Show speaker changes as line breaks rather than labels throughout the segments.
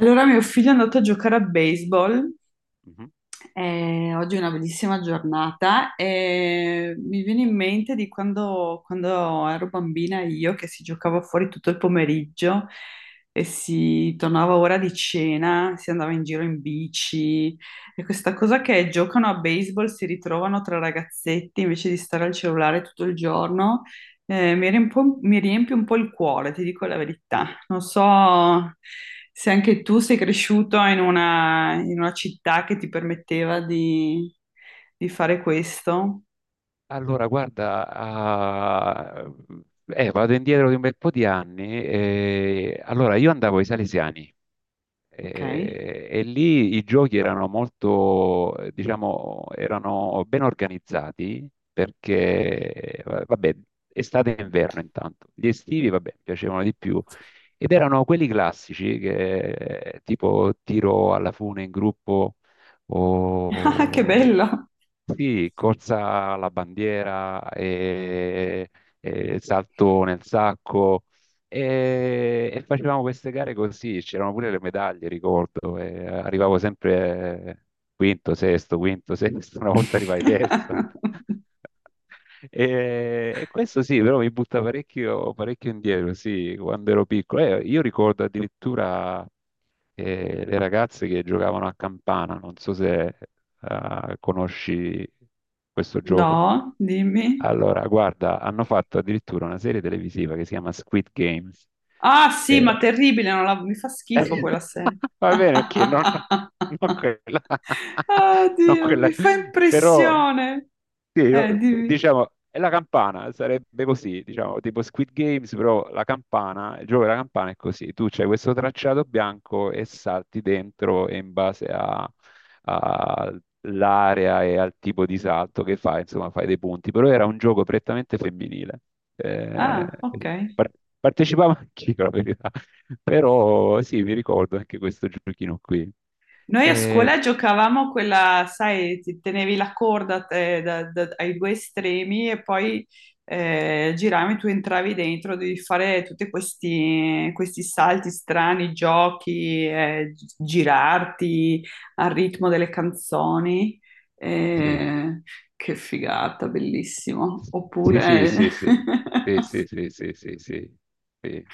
Allora, mio figlio è andato a giocare a baseball,
Mhm.
oggi è una bellissima giornata e mi viene in mente di quando ero bambina io, che si giocava fuori tutto il pomeriggio e si tornava ora di cena, si andava in giro in bici, e questa cosa che giocano a baseball, si ritrovano tra ragazzetti invece di stare al cellulare tutto il giorno, mi riempie un po', il cuore, ti dico la verità. Non so se anche tu sei cresciuto in una città che ti permetteva di fare questo.
Allora, guarda, vado indietro di un bel po' di anni. Io andavo ai Salesiani
Ok.
e lì i giochi erano molto, diciamo, erano ben organizzati perché, vabbè, estate e inverno intanto. Gli estivi, vabbè, mi piacevano di più. Ed erano quelli classici, che, tipo tiro alla fune in gruppo
Ah, che
o
bello!
sì, corsa alla bandiera, e salto nel sacco e facevamo queste gare così, c'erano pure le medaglie, ricordo, e arrivavo sempre quinto, sesto, quinto, sesto, una volta arrivai terzo. E questo sì, però mi butta parecchio, parecchio indietro, sì, quando ero piccolo. Io ricordo addirittura e le ragazze che giocavano a campana. Non so se conosci questo gioco.
No, dimmi.
Allora, guarda, hanno fatto addirittura una serie televisiva che si chiama Squid Games.
Ah, sì, ma
Eh,
terribile, non la- mi fa schifo quella serie.
Va bene, ok, non quella,
Ah,
non
Dio,
quella,
mi fa
però
impressione.
sì,
Dimmi.
diciamo, è la campana, sarebbe così, diciamo, tipo Squid Games, però la campana, il gioco della campana è così, tu c'hai questo tracciato bianco e salti dentro e all'area e al tipo di salto che fai, insomma, fai dei punti, però era un gioco prettamente femminile. Eh,
Ah, ok.
par- Partecipavo anch'io, la verità, però sì, mi ricordo anche questo giochino qui.
Noi a
Eh,
scuola giocavamo quella, sai, ti tenevi la corda, ai due estremi, e poi giravi, tu entravi dentro, devi fare tutti questi salti strani, giochi, girarti al ritmo delle canzoni.
sì.
Eh, che figata, bellissimo.
Sì, sì,
Oppure...
sì, sì, sì, sì, sì, sì, sì, sì, sì.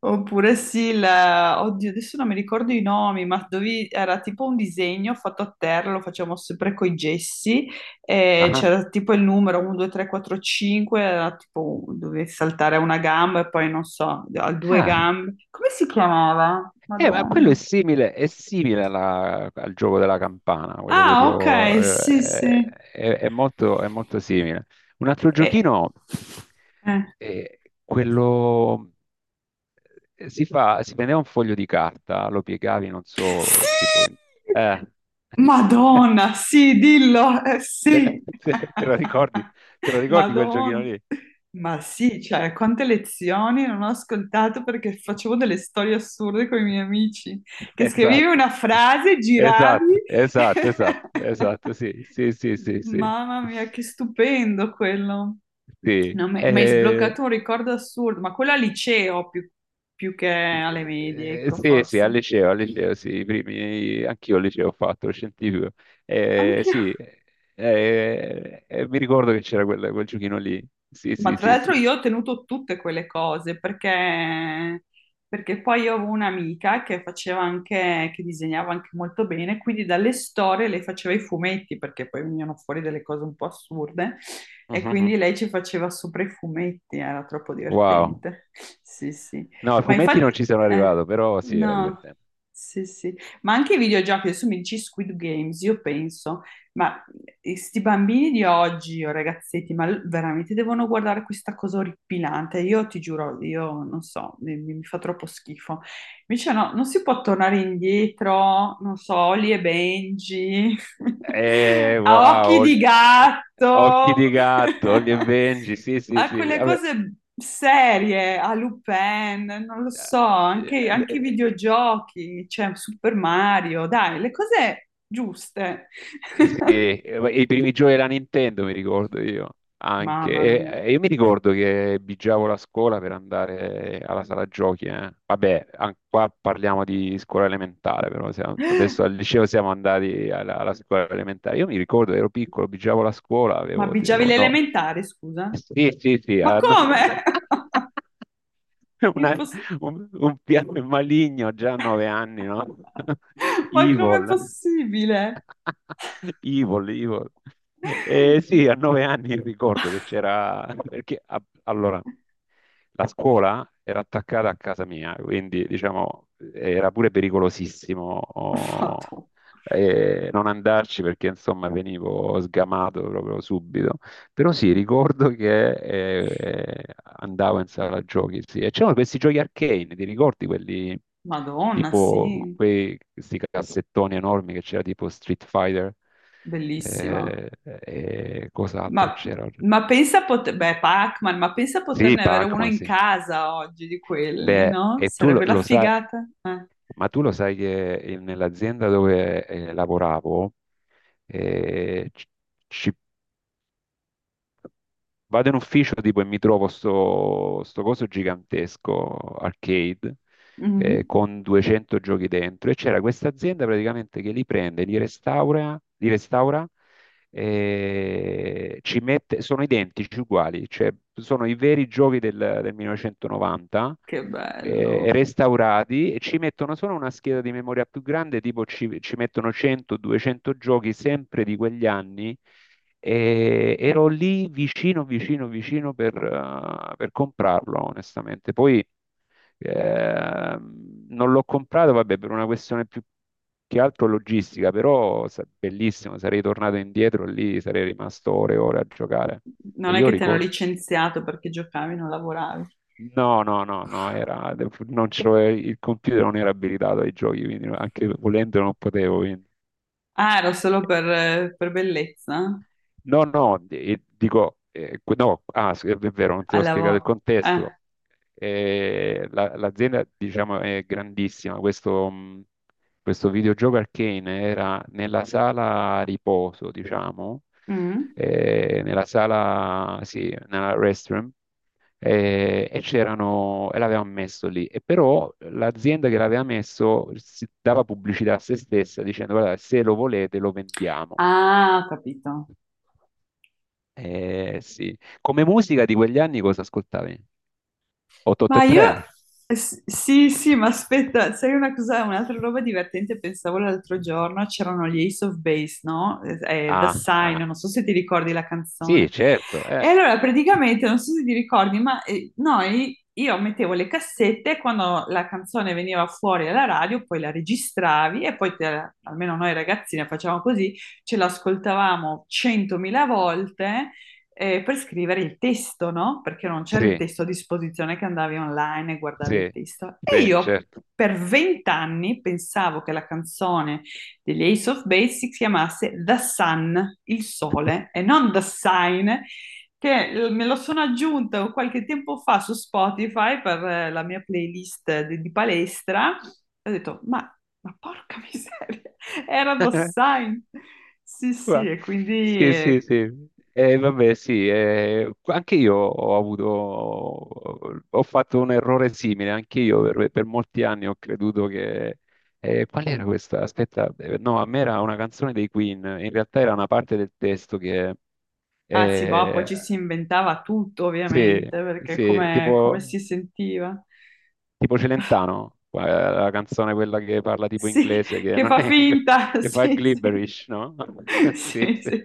Oppure sì, oddio, adesso non mi ricordo i nomi, ma dove era tipo un disegno fatto a terra, lo facevamo sempre con i gessi, e
Ah,
c'era tipo il numero 1, 2, 3, 4, 5, era tipo dovevi saltare a una gamba e poi non so, a due
ah.
gambe. Come si chiamava?
Ma quello è
Madonna.
simile, al gioco della campana, quello che
Ah,
dicevo,
ok, sì, sì.
è molto simile. Un altro
E-
giochino
eh.
è quello, si fa, si prendeva un foglio di carta, lo piegavi, non so,
Sì!
tipo... in- Eh.
Madonna, sì, dillo,
Te,
sì.
Te lo ricordi? Te lo ricordi quel giochino
Madonna.
lì?
Ma sì, cioè, quante lezioni non ho ascoltato perché facevo delle storie assurde con i miei amici, che scrivevi
Esatto.
una frase, giravi.
Esatto, esatto, esatto, esatto, sì, sì, sì, sì, sì,
Mamma mia, che stupendo quello.
sì,
No, mi hai sbloccato un ricordo assurdo, ma quello al liceo più che alle medie, ecco,
sì, sì,
forse.
al liceo, sì, i primi, anch'io al liceo ho fatto, lo scientifico,
Anch'io.
sì, mi ricordo che c'era quel giochino lì, sì,
Ma
sì,
tra
sì,
l'altro
sì,
io ho tenuto tutte quelle cose perché, perché poi io avevo un'amica che faceva anche, che disegnava anche molto bene, quindi dalle storie lei faceva i fumetti perché poi venivano fuori delle cose un po' assurde, e quindi
Mhm.
lei ci faceva sopra i fumetti, era troppo
Wow,
divertente. Sì, sì.
no, ai
Ma
fumetti non
infatti,
ci sono
eh,
arrivato, però sì, era
no,
divertente.
sì, sì. Ma anche i videogiochi, adesso mi dici Squid Games, io penso. Ma e sti bambini di oggi, o ragazzetti, veramente devono guardare questa cosa orripilante. Io ti giuro, io non so, mi fa troppo schifo. Invece no, non si può tornare indietro, non so, Oli e Benji,
Eh,
a
wow,
Occhi
Ol-
di
eh, Occhi di
Gatto,
gatto, Ollie e Benji, sì, sì,
a
sì,
quelle
vabbè.
cose serie, a Lupin, non lo so,
Eh,
anche, anche i
eh,
videogiochi, cioè Super Mario, dai, le cose giuste.
sì, i primi giochi della Nintendo mi ricordo io anche.
Mamma mia.
E io mi ricordo che bigiavo la scuola per andare alla sala giochi, eh. Vabbè, qua parliamo di scuola elementare, adesso al liceo siamo andati alla scuola elementare. Io mi ricordo, ero piccolo, bigiavo la scuola,
Ma bigiavi le
no.
elementari, scusa?
Sì, sì, sì,
Ma
ah, no.
come?
Una-
Imposs-
un piano maligno già a 9 anni, no?
Ma com'è
Evil.
possibile?
Evil, evil. Sì, a 9 anni ricordo che c'era, perché allora la scuola era attaccata a casa mia, quindi diciamo era pure pericolosissimo oh,
Madonna,
non andarci perché insomma venivo sgamato proprio subito. Però sì, ricordo che andavo in sala giochi, sì. E c'erano questi giochi arcane, ti ricordi quelli
Madonna,
tipo
sì,
questi cassettoni enormi che c'era tipo Street Fighter
bellissima.
e cos'altro
Ma,
c'era?
ma pensa a poter... Beh, Pac-Man, ma pensa a
Sì,
poterne avere uno
Pac-Man,
in
sì.
casa oggi di quelli,
Beh,
no?
e tu
Sarebbe la
lo sai,
figata.
ma tu lo sai che nell'azienda dove lavoravo eh, ci, ci- vado in ufficio tipo e mi trovo sto coso gigantesco arcade,
Mhm.
con 200 giochi dentro e c'era questa azienda praticamente che li prende, li restaura, ci mette, sono identici, uguali, cioè sono i veri giochi del 1990,
Che bello.
restaurati e ci mettono solo una scheda di memoria più grande, tipo ci mettono 100-200 giochi sempre di quegli anni. E ero lì, vicino, vicino, vicino per comprarlo, onestamente. Poi eh, non l'ho comprato, vabbè, per una questione più che altro logistica, bellissimo, sarei tornato indietro lì, sarei rimasto ore e ore a giocare. E
Non è
io
che ti hanno
ricordo,
licenziato perché giocavi, non lavoravi.
no, no, no, no, era, non c'ero- il computer non era abilitato ai giochi, quindi anche volendo non potevo, quindi.
Ah, era solo per bellezza?
No, no, no, ah, sì, è vero, non ti ho
Al
spiegato il
lavoro. Eh.
contesto. L'azienda, diciamo, è grandissima. Questo, questo videogioco Arcane era nella sala riposo, diciamo,
Mm.
nella restroom, e c'erano, e l'avevano messo lì. E però l'azienda che l'aveva messo si dava pubblicità a se stessa dicendo, guarda, se lo volete lo vendiamo.
Ah, ho capito.
Sì. Come musica di quegli anni cosa ascoltavi?
Ma io,
883?
sì, sì, ma aspetta, sai una cosa, un'altra roba divertente, pensavo l'altro giorno, c'erano gli Ace of Base, no? The
Ah,
Sign,
ah,
non so se ti ricordi la
sì,
canzone.
certo,
E allora praticamente, non so se ti ricordi, ma noi, io mettevo le cassette, e quando la canzone veniva fuori alla radio, poi la registravi e poi, almeno noi ragazzine facevamo così, ce l'ascoltavamo centomila volte per scrivere il testo, no? Perché non c'era il
sì,
testo a disposizione, che andavi online e guardavi il
sì,
testo. E
sì,
io
certo.
per 20 anni pensavo che la canzone degli Ace of Base si chiamasse The Sun, il sole, e non The Sign, che me lo sono aggiunta qualche tempo fa su Spotify per la mia playlist di palestra. E ho detto, ma porca miseria, era The Sign. Sì, sì,
Ma-
e quindi...
Sì, sì, sì. Vabbè, sì, anche io ho avuto, ho fatto un errore simile, anche io per molti anni ho creduto che, qual era questa? Aspetta, no, a me era una canzone dei Queen, in realtà era una parte del testo che,
Ah sì, boh, poi
eh,
ci si inventava tutto
sì,
ovviamente, perché
sì,
come, come
tipo...
si sentiva.
tipo Celentano, la canzone quella che parla tipo
Sì,
inglese, che
che
non
fa
è inglese,
finta,
che fa
sì, sì.
gibberish, no? Sì,
Sì,
sì.
sì.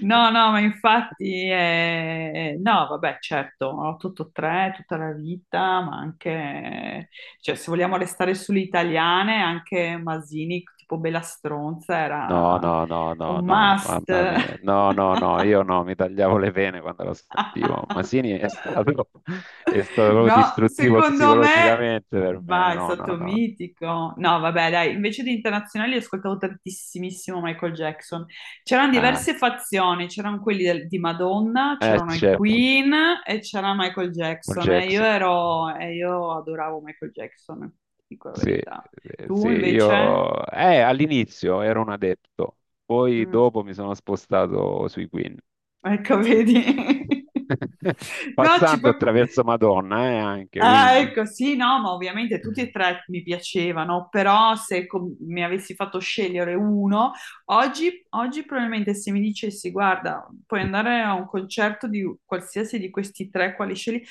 No, no, ma infatti, no, vabbè, certo, 883 tutta la vita, ma anche, cioè, se vogliamo restare sulle italiane, anche Masini, tipo Bella Stronza,
No,
era
no, no, no,
un
no,
must.
mamma mia. No, no, no, io no, mi tagliavo le vene quando lo sentivo. Masini è stato, è stato proprio
No,
distruttivo
secondo me,
psicologicamente per me.
va, è
No, no,
stato
no.
mitico. No, vabbè, dai, invece di internazionali ho ascoltato tantissimo Michael Jackson. C'erano
Ah,
diverse fazioni, c'erano quelli di Madonna, c'erano i
certo,
Queen e c'era Michael
Michael
Jackson. E
Jackson.
e io adoravo Michael Jackson, ti dico la
Sì,
verità.
sì,
Tu invece?
io all'inizio ero un adepto, poi
Mm,
dopo mi sono spostato sui Queen,
ecco, vedi? No, ci
passando
puoi.
attraverso Madonna, anche,
Ah,
quindi.
ecco, sì, no, ma ovviamente tutti e tre mi piacevano, però se mi avessi fatto scegliere uno, oggi probabilmente se mi dicessi, guarda, puoi andare a un concerto di qualsiasi di questi tre, quali scegli?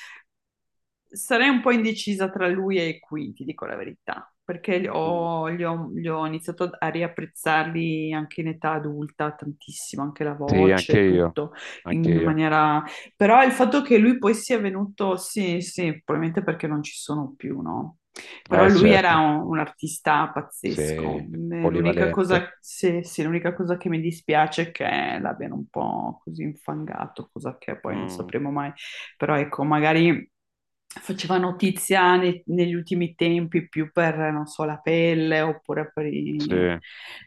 Sarei un po' indecisa tra lui e qui, ti dico la verità, perché
Mm.
li ho iniziato a riapprezzarli anche in età adulta tantissimo, anche la
Sì, anche
voce,
io,
tutto
anche
in
io.
maniera... Però il fatto che lui poi sia venuto, sì, sì, probabilmente perché non ci sono più, no? Però lui era
Certo,
un artista pazzesco.
sì,
L'unica
polivalente.
cosa, sì, sì, l'unica cosa che mi dispiace è che l'abbiano un po' così infangato, cosa che poi non
Mm,
sapremo mai. Però ecco, magari faceva notizia negli ultimi tempi più per, non so, la pelle oppure per i...
sì.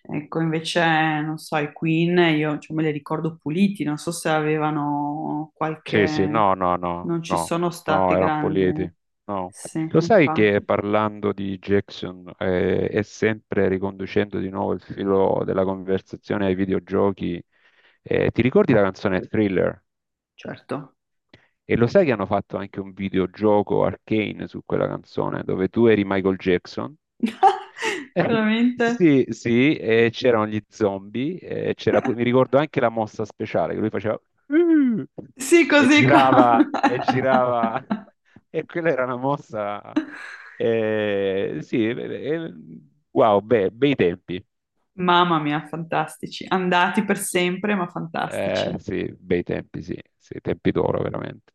Ecco, invece, non so, i Queen, io cioè, me li ricordo puliti, non so se avevano
Sì, sì,
qualche...
no, no, no,
Non ci
no,
sono
no,
state
erano
grandi...
Politi. No.
Sì,
Lo sai che
infatti,
parlando di Jackson e sempre riconducendo di nuovo il filo della conversazione ai videogiochi, ti ricordi la canzone Thriller?
certo.
E lo sai che hanno fatto anche un videogioco Arcane su quella canzone, dove tu eri Michael Jackson?
Veramente?
Sì, sì, e c'erano gli zombie, mi ricordo anche la mossa speciale che lui faceva "Uh",
Sì, così con...
e girava e quella era una mossa eh, sì, eh, eh, bei tempi.
Mamma mia, fantastici. Andati per sempre, ma fantastici.
Sì, bei tempi, sì, sì, tempi d'oro veramente.